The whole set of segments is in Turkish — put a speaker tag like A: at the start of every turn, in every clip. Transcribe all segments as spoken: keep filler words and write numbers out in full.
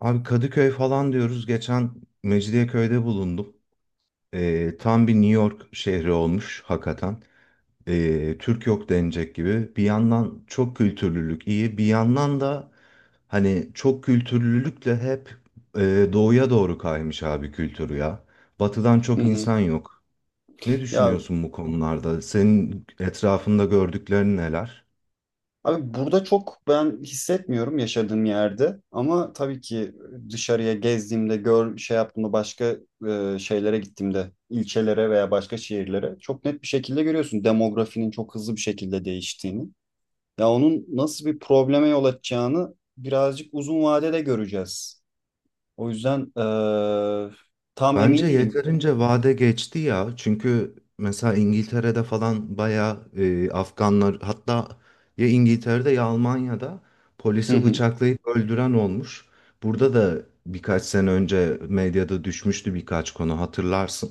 A: Abi Kadıköy falan diyoruz. Geçen Mecidiyeköy'de bulundum. Ee, tam bir New York şehri olmuş hakikaten. Ee, Türk yok denecek gibi. Bir yandan çok kültürlülük iyi. Bir yandan da hani çok kültürlülükle hep e, doğuya doğru kaymış abi kültürü ya. Batıdan
B: Hı
A: çok
B: hı.
A: insan yok. Ne
B: Ya
A: düşünüyorsun bu konularda? Senin etrafında gördüklerin neler?
B: abi, burada çok ben hissetmiyorum yaşadığım yerde ama tabii ki dışarıya gezdiğimde gör şey yaptığımda, başka e, şeylere gittiğimde, ilçelere veya başka şehirlere çok net bir şekilde görüyorsun demografinin çok hızlı bir şekilde değiştiğini. Ya onun nasıl bir probleme yol açacağını birazcık uzun vadede göreceğiz. O yüzden e, tam emin
A: Bence
B: değilim.
A: yeterince vade geçti ya. Çünkü mesela İngiltere'de falan bayağı e, Afganlar hatta ya İngiltere'de ya Almanya'da
B: Hı
A: polisi
B: hı,
A: bıçaklayıp öldüren olmuş. Burada da birkaç sene önce medyada düşmüştü birkaç konu hatırlarsın.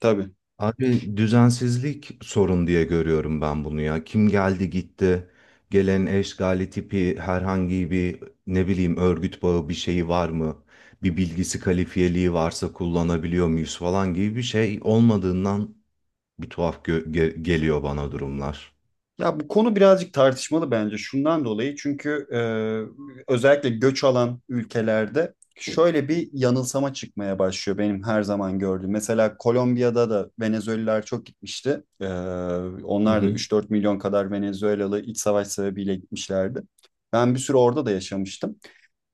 B: tabii.
A: Abi düzensizlik sorun diye görüyorum ben bunu ya. Kim geldi gitti. Gelen eşgali tipi herhangi bir ne bileyim örgüt bağı bir şeyi var mı? Bir bilgisi kalifiyeliği varsa kullanabiliyor muyuz falan gibi bir şey olmadığından bir tuhaf gö- ge- geliyor bana durumlar.
B: Ya, bu konu birazcık tartışmalı bence şundan dolayı, çünkü e, özellikle göç alan ülkelerde şöyle bir yanılsama çıkmaya başlıyor, benim her zaman gördüğüm. Mesela Kolombiya'da da Venezuelalılar çok gitmişti. E,
A: Hı
B: onlar da
A: hı.
B: üç dört milyon kadar Venezuelalı, iç savaş sebebiyle gitmişlerdi. Ben bir süre orada da yaşamıştım.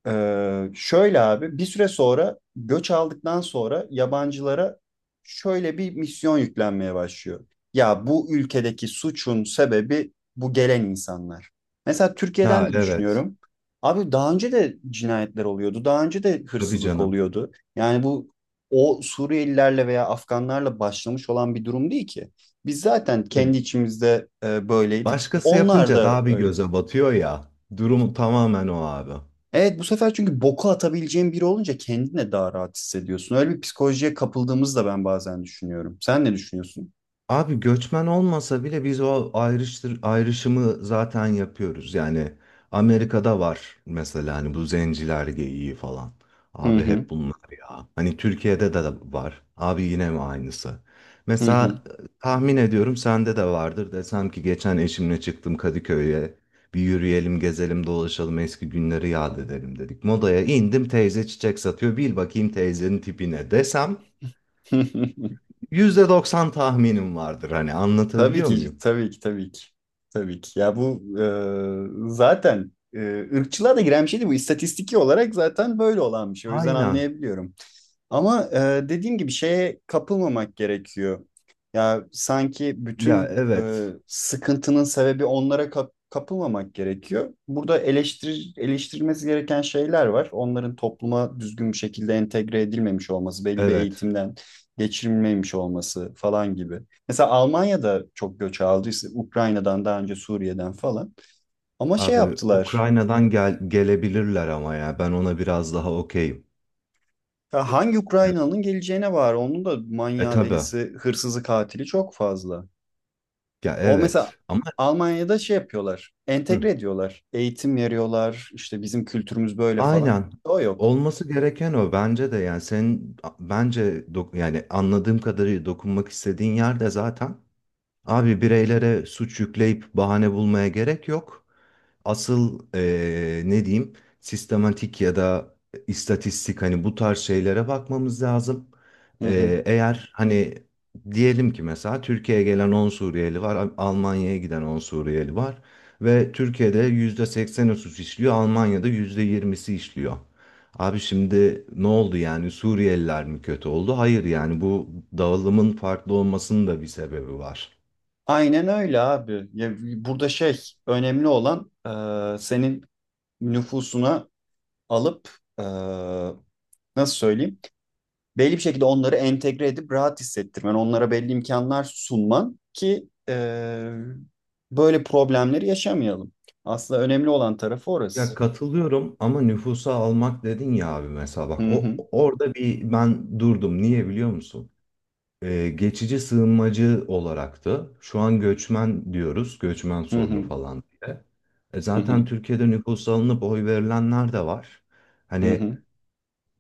B: Ee, şöyle abi, bir süre sonra göç aldıktan sonra yabancılara şöyle bir misyon yüklenmeye başlıyor. Ya bu ülkedeki suçun sebebi bu gelen insanlar. Mesela Türkiye'den
A: Ha
B: de
A: evet.
B: düşünüyorum. Abi daha önce de cinayetler oluyordu. Daha önce de
A: Tabii
B: hırsızlık
A: canım.
B: oluyordu. Yani bu o Suriyelilerle veya Afganlarla başlamış olan bir durum değil ki. Biz zaten kendi
A: Ya,
B: içimizde e, böyleydik.
A: başkası
B: Onlar
A: yapınca
B: da
A: daha bir
B: öyle.
A: göze batıyor ya. Durumu tamamen o abi.
B: Evet, bu sefer çünkü boku atabileceğin biri olunca kendine daha rahat hissediyorsun. Öyle bir psikolojiye kapıldığımızı da ben bazen düşünüyorum. Sen ne düşünüyorsun?
A: Abi göçmen olmasa bile biz o ayrıştır, ayrışımı zaten yapıyoruz. Yani Amerika'da var mesela hani bu zenciler geyiği falan.
B: Hı
A: Abi
B: hı,
A: hep bunlar ya. Hani Türkiye'de de de var. Abi yine mi aynısı?
B: hı hı.
A: Mesela e, tahmin ediyorum sende de vardır. Desem ki geçen eşimle çıktım Kadıköy'e. Bir yürüyelim, gezelim, dolaşalım, eski günleri yad edelim dedik. Modaya indim teyze çiçek satıyor. Bil bakayım teyzenin tipine desem yüzde doksan tahminim vardır, hani
B: Tabii
A: anlatabiliyor
B: ki,
A: muyum?
B: tabii ki, tabii ki. Tabii ki. Ya bu e, zaten e, ırkçılığa da giren bir şeydi bu. İstatistiki olarak zaten böyle olan bir şey. O yüzden
A: Aynen.
B: anlayabiliyorum. Ama e, dediğim gibi şeye kapılmamak gerekiyor. Ya sanki
A: Ya
B: bütün
A: evet.
B: e, sıkıntının sebebi onlara kap- kapılmamak gerekiyor. Burada eleştir eleştirilmesi gereken şeyler var. Onların topluma düzgün bir şekilde entegre edilmemiş olması, belli bir
A: Evet.
B: eğitimden geçirilmemiş olması falan gibi. Mesela Almanya'da çok göç aldıysa Ukrayna'dan daha önce, Suriye'den falan. Ama şey
A: Abi
B: yaptılar.
A: Ukrayna'dan gel gelebilirler ama ya ben ona biraz daha okeyim.
B: Ya hangi
A: Ya,
B: Ukraynalı'nın geleceğine var. Onun da
A: e
B: manyağı,
A: tabi,
B: delisi, hırsızı, katili çok fazla.
A: ya
B: O mesela
A: evet. Ama
B: Almanya'da şey yapıyorlar.
A: hı,
B: Entegre ediyorlar. Eğitim veriyorlar. İşte bizim kültürümüz böyle falan.
A: aynen.
B: O yok.
A: Olması gereken o bence de, yani senin bence dok- yani anladığım kadarıyla dokunmak istediğin yerde zaten. Abi bireylere suç yükleyip bahane bulmaya gerek yok. Asıl eee, ne diyeyim, sistematik ya da istatistik, hani bu tarz şeylere bakmamız lazım.
B: Hı hı.
A: Eee, eğer hani diyelim ki mesela Türkiye'ye gelen on Suriyeli var, Al- Almanya'ya giden on Suriyeli var ve Türkiye'de yüzde sekseni suç işliyor, Almanya'da yüzde yirmisi işliyor. Abi şimdi ne oldu yani, Suriyeliler mi kötü oldu? Hayır, yani bu dağılımın farklı olmasının da bir sebebi var.
B: Aynen öyle abi. Ya, burada şey, önemli olan e, senin nüfusuna alıp e, nasıl söyleyeyim, belli bir şekilde onları entegre edip rahat hissettirmen. Onlara belli imkanlar sunman ki e, böyle problemleri yaşamayalım. Aslında önemli olan tarafı
A: Ya
B: orası.
A: katılıyorum ama nüfusa almak dedin ya abi, mesela bak,
B: Hı
A: o
B: hı.
A: orada bir ben durdum. Niye biliyor musun? Ee, geçici sığınmacı olaraktı. Şu an göçmen diyoruz. Göçmen
B: Hı
A: sorunu
B: hı.
A: falan diye. E
B: Hı
A: zaten
B: hı.
A: Türkiye'de nüfusa alınıp oy verilenler de var.
B: Hı
A: Hani
B: hı.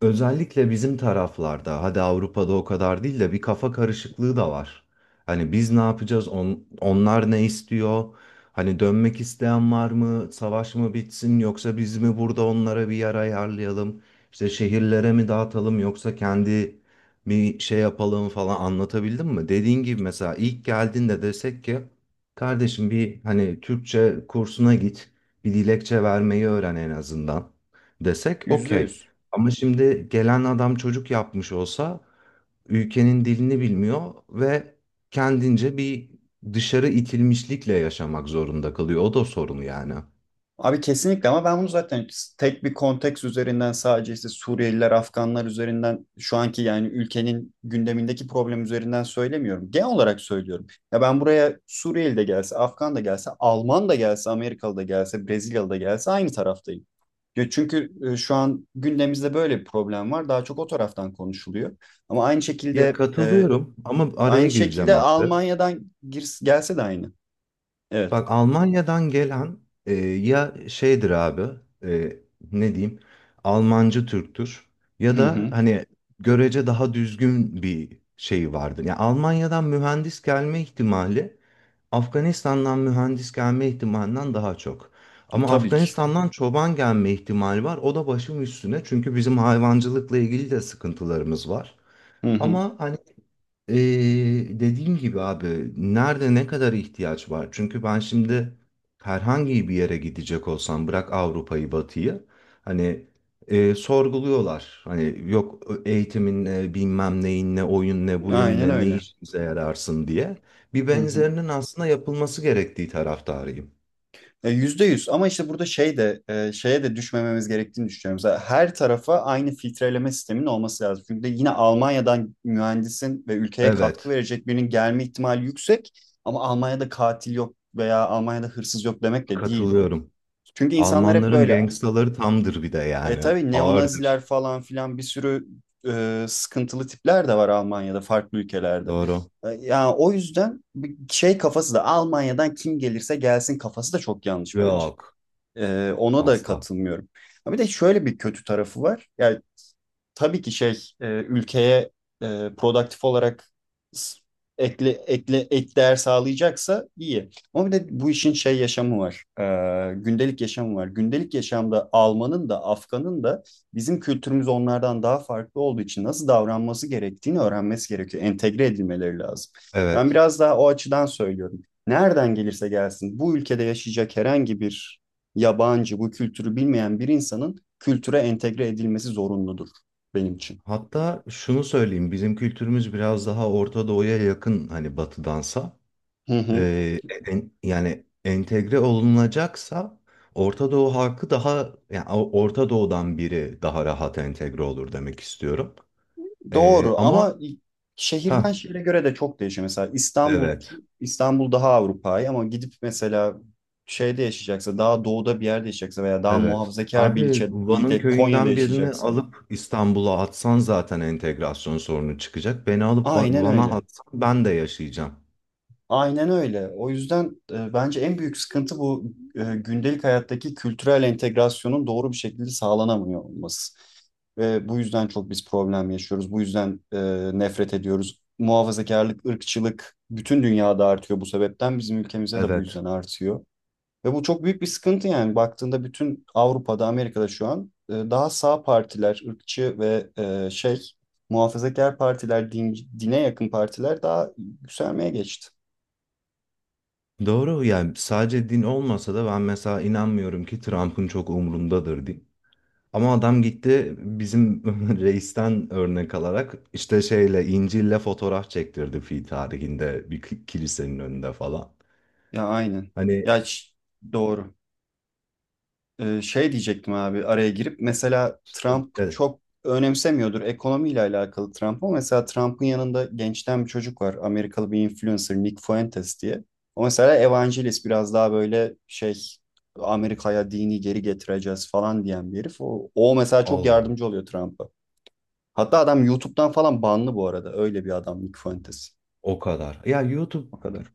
A: özellikle bizim taraflarda, hadi Avrupa'da o kadar değil de bir kafa karışıklığı da var. Hani biz ne yapacağız, on- onlar ne istiyor? Hani dönmek isteyen var mı? Savaş mı bitsin yoksa biz mi burada onlara bir yer ayarlayalım? İşte şehirlere mi dağıtalım yoksa kendi bir şey yapalım falan, anlatabildim mi? Dediğin gibi mesela ilk geldiğinde desek ki kardeşim bir hani Türkçe kursuna git, bir dilekçe vermeyi öğren en azından, desek
B: Yüzde
A: okey.
B: yüz.
A: Ama şimdi gelen adam çocuk yapmış olsa, ülkenin dilini bilmiyor ve kendince bir dışarı itilmişlikle yaşamak zorunda kalıyor. O da sorun yani.
B: Abi kesinlikle, ama ben bunu zaten tek bir konteks üzerinden, sadece işte Suriyeliler, Afganlar üzerinden, şu anki yani ülkenin gündemindeki problem üzerinden söylemiyorum. Genel olarak söylüyorum. Ya ben buraya Suriyeli de gelse, Afgan da gelse, Alman da gelse, Amerikalı da gelse, Brezilyalı da gelse aynı taraftayım. Ya çünkü e, şu an gündemimizde böyle bir problem var. Daha çok o taraftan konuşuluyor. Ama aynı
A: Ya
B: şekilde e,
A: katılıyorum ama araya
B: aynı şekilde
A: gireceğim abi.
B: Almanya'dan girs- gelse de aynı. Evet.
A: Bak Almanya'dan gelen e, ya şeydir abi, e, ne diyeyim, Almancı Türktür ya
B: Hı
A: da
B: hı.
A: hani görece daha düzgün bir şey vardır. Yani Almanya'dan mühendis gelme ihtimali Afganistan'dan mühendis gelme ihtimalinden daha çok. Ama
B: Tabii ki.
A: Afganistan'dan çoban gelme ihtimali var. O da başım üstüne çünkü bizim hayvancılıkla ilgili de sıkıntılarımız var.
B: Hı hı.
A: Ama hani ee, dediğim gibi abi, nerede ne kadar ihtiyaç var? Çünkü ben şimdi herhangi bir yere gidecek olsam, bırak Avrupa'yı Batı'yı, hani e, sorguluyorlar. Hani yok eğitimin ne bilmem neyin, ne oyun ne buyun,
B: Aynen
A: ne ne
B: öyle.
A: işimize yararsın diye. Bir
B: Hı hı.
A: benzerinin aslında yapılması gerektiği taraftarıyım.
B: E, Yüzde yüz, ama işte burada şey de e, şeye de düşmememiz gerektiğini düşünüyorum. Mesela her tarafa aynı filtreleme sistemin olması lazım. Çünkü yine Almanya'dan mühendisin ve ülkeye katkı
A: Evet,
B: verecek birinin gelme ihtimali yüksek, ama Almanya'da katil yok veya Almanya'da hırsız yok demek de değil bu.
A: katılıyorum.
B: Çünkü insanlar hep
A: Almanların
B: böyle.
A: gangstaları tamdır bir de,
B: E,
A: yani
B: tabii neonaziler
A: ağırdır.
B: falan filan bir sürü e, sıkıntılı tipler de var Almanya'da, farklı ülkelerde.
A: Doğru.
B: E, yani o yüzden bir şey kafası da, Almanya'dan kim gelirse gelsin kafası da çok yanlış bence.
A: Yok
B: E, ona da
A: asla.
B: katılmıyorum. Ha, bir de şöyle bir kötü tarafı var. Yani tabii ki şey e, ülkeye e, produktif olarak s- ekle ekle ek değer sağlayacaksa iyi. Ama bir de bu işin şey yaşamı var. E, gündelik yaşamı var. Gündelik yaşamda Alman'ın da Afgan'ın da bizim kültürümüz onlardan daha farklı olduğu için nasıl davranması gerektiğini öğrenmesi gerekiyor. Entegre edilmeleri lazım. Ben
A: Evet.
B: biraz daha o açıdan söylüyorum. Nereden gelirse gelsin, bu ülkede yaşayacak herhangi bir yabancı, bu kültürü bilmeyen bir insanın kültüre entegre edilmesi zorunludur benim için.
A: Hatta şunu söyleyeyim, bizim kültürümüz biraz daha Orta Doğu'ya yakın hani Batı'dansa.
B: Hı hı.
A: Ee, en- yani entegre olunacaksa Orta Doğu halkı daha, yani O- Orta Doğu'dan biri daha rahat entegre olur demek istiyorum. Ee,
B: Doğru,
A: ama
B: ama şehirden
A: ha
B: şehire göre de çok değişiyor. Mesela İstanbul,
A: evet,
B: İstanbul daha Avrupa'yı, ama gidip mesela şeyde yaşayacaksa, daha doğuda bir yerde yaşayacaksa veya daha
A: evet.
B: muhafazakar bir
A: Abi
B: ilçe,
A: Van'ın
B: ilde, Konya'da
A: köyünden birini
B: yaşayacaksa,
A: alıp İstanbul'a atsan zaten entegrasyon sorunu çıkacak. Beni alıp Va-
B: aynen
A: Van'a
B: öyle.
A: atsan ben de yaşayacağım.
B: Aynen öyle. O yüzden e, bence en büyük sıkıntı bu, e, gündelik hayattaki kültürel entegrasyonun doğru bir şekilde sağlanamıyor olması. Ve bu yüzden çok biz problem yaşıyoruz. Bu yüzden e, nefret ediyoruz. Muhafazakarlık, ırkçılık bütün dünyada artıyor bu sebepten. Bizim ülkemizde de bu
A: Evet.
B: yüzden artıyor. Ve bu çok büyük bir sıkıntı yani. Baktığında bütün Avrupa'da, Amerika'da şu an e, daha sağ partiler, ırkçı ve e, şey muhafazakar partiler, din- dine yakın partiler daha yükselmeye geçti.
A: Doğru, yani sadece din olmasa da ben mesela inanmıyorum ki Trump'ın çok umrundadır din. Ama adam gitti, bizim reisten örnek alarak işte şeyle İncil'le fotoğraf çektirdi fi tarihinde bir ki- kilisenin önünde falan.
B: Ya aynen.
A: Hani
B: Ya ş- doğru. Ee, şey diyecektim abi, araya girip, mesela Trump
A: e,
B: çok önemsemiyordur ekonomiyle alakalı Trump, ama mesela Trump'ın yanında gençten bir çocuk var. Amerikalı bir influencer, Nick Fuentes diye. O mesela evangelist, biraz daha böyle şey, Amerika'ya dini geri getireceğiz falan diyen bir herif. O, o mesela çok
A: Allah Allah,
B: yardımcı oluyor Trump'a. Hatta adam YouTube'dan falan banlı bu arada. Öyle bir adam Nick Fuentes.
A: o kadar. Ya YouTube,
B: O kadar.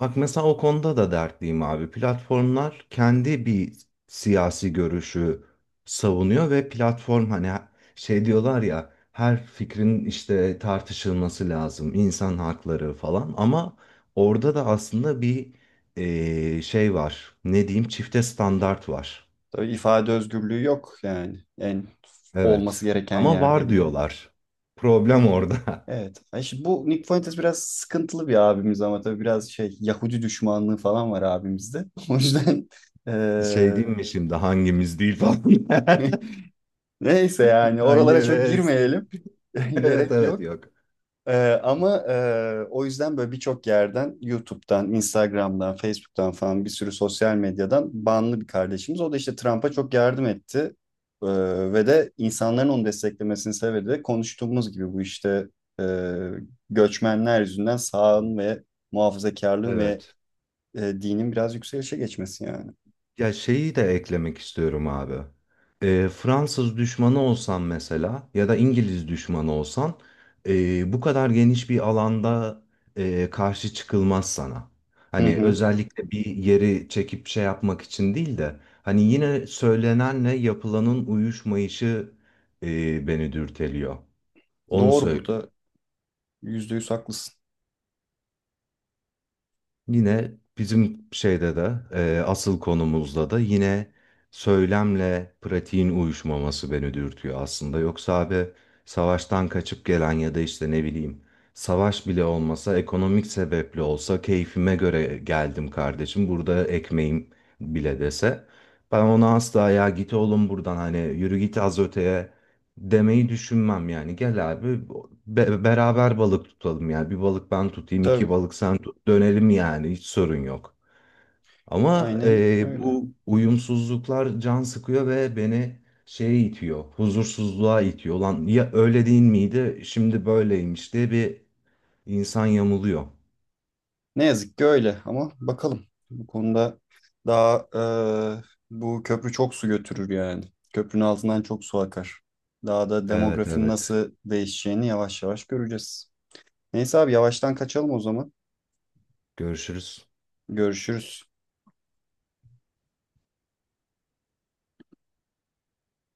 A: bak mesela o konuda da dertliyim abi. Platformlar kendi bir siyasi görüşü savunuyor ve platform hani şey diyorlar ya, her fikrin işte tartışılması lazım, insan hakları falan, ama orada da aslında bir eee, şey var. Ne diyeyim? Çifte standart var.
B: Tabii ifade özgürlüğü yok yani, en
A: Evet.
B: olması gereken
A: Ama
B: yerde
A: var
B: bile.
A: diyorlar. Problem orada.
B: Evet. Ay şimdi bu Nick Fuentes biraz sıkıntılı bir abimiz, ama tabii biraz şey Yahudi düşmanlığı falan var abimizde. O yüzden
A: Şey
B: eee,
A: diyeyim mi şimdi, hangimiz değil falan.
B: neyse, yani
A: Kanye
B: oralara çok
A: West.
B: girmeyelim.
A: Evet
B: Gerek
A: evet,
B: yok.
A: yok.
B: Ee, ama e, o yüzden böyle birçok yerden, YouTube'dan, Instagram'dan, Facebook'tan falan bir sürü sosyal medyadan banlı bir kardeşimiz. O da işte Trump'a çok yardım etti. Ee, ve de insanların onu desteklemesini sevdi. De konuştuğumuz gibi bu işte e, göçmenler yüzünden sağın ve muhafazakarlığın ve
A: Evet.
B: e, dinin biraz yükselişe geçmesi yani.
A: Ya şeyi de eklemek istiyorum abi. Ee, Fransız düşmanı olsan mesela ya da İngiliz düşmanı olsan, ee, bu kadar geniş bir alanda ee, karşı çıkılmaz sana.
B: Hı
A: Hani
B: hı.
A: özellikle bir yeri çekip şey yapmak için değil de, hani yine söylenenle yapılanın uyuşmayışı ee, beni dürteliyor. Onu
B: Doğru,
A: söyle.
B: burada yüzde yüz haklısın.
A: Yine bizim şeyde de e, asıl konumuzda da yine söylemle pratiğin uyuşmaması beni dürtüyor aslında. Yoksa abi, savaştan kaçıp gelen ya da işte ne bileyim, savaş bile olmasa ekonomik sebeple olsa, keyfime göre geldim kardeşim burada ekmeğim bile dese, ben ona asla ya git oğlum buradan, hani yürü git az öteye demeyi düşünmem yani. Gel abi, be- beraber balık tutalım yani. Bir balık ben tutayım, iki
B: Tabii,
A: balık sen tut. Dönelim, yani hiç sorun yok. Ama
B: aynen
A: e,
B: öyle.
A: bu uyumsuzluklar can sıkıyor ve beni şeye itiyor. Huzursuzluğa itiyor. Lan ya öyle değil miydi? Şimdi böyleymiş diye bir insan yamuluyor.
B: Ne yazık ki öyle ama bakalım. Bu konuda daha e, bu köprü çok su götürür yani. Köprünün altından çok su akar. Daha da
A: Evet
B: demografinin
A: evet.
B: nasıl değişeceğini yavaş yavaş göreceğiz. Neyse abi, yavaştan kaçalım o zaman.
A: Görüşürüz.
B: Görüşürüz.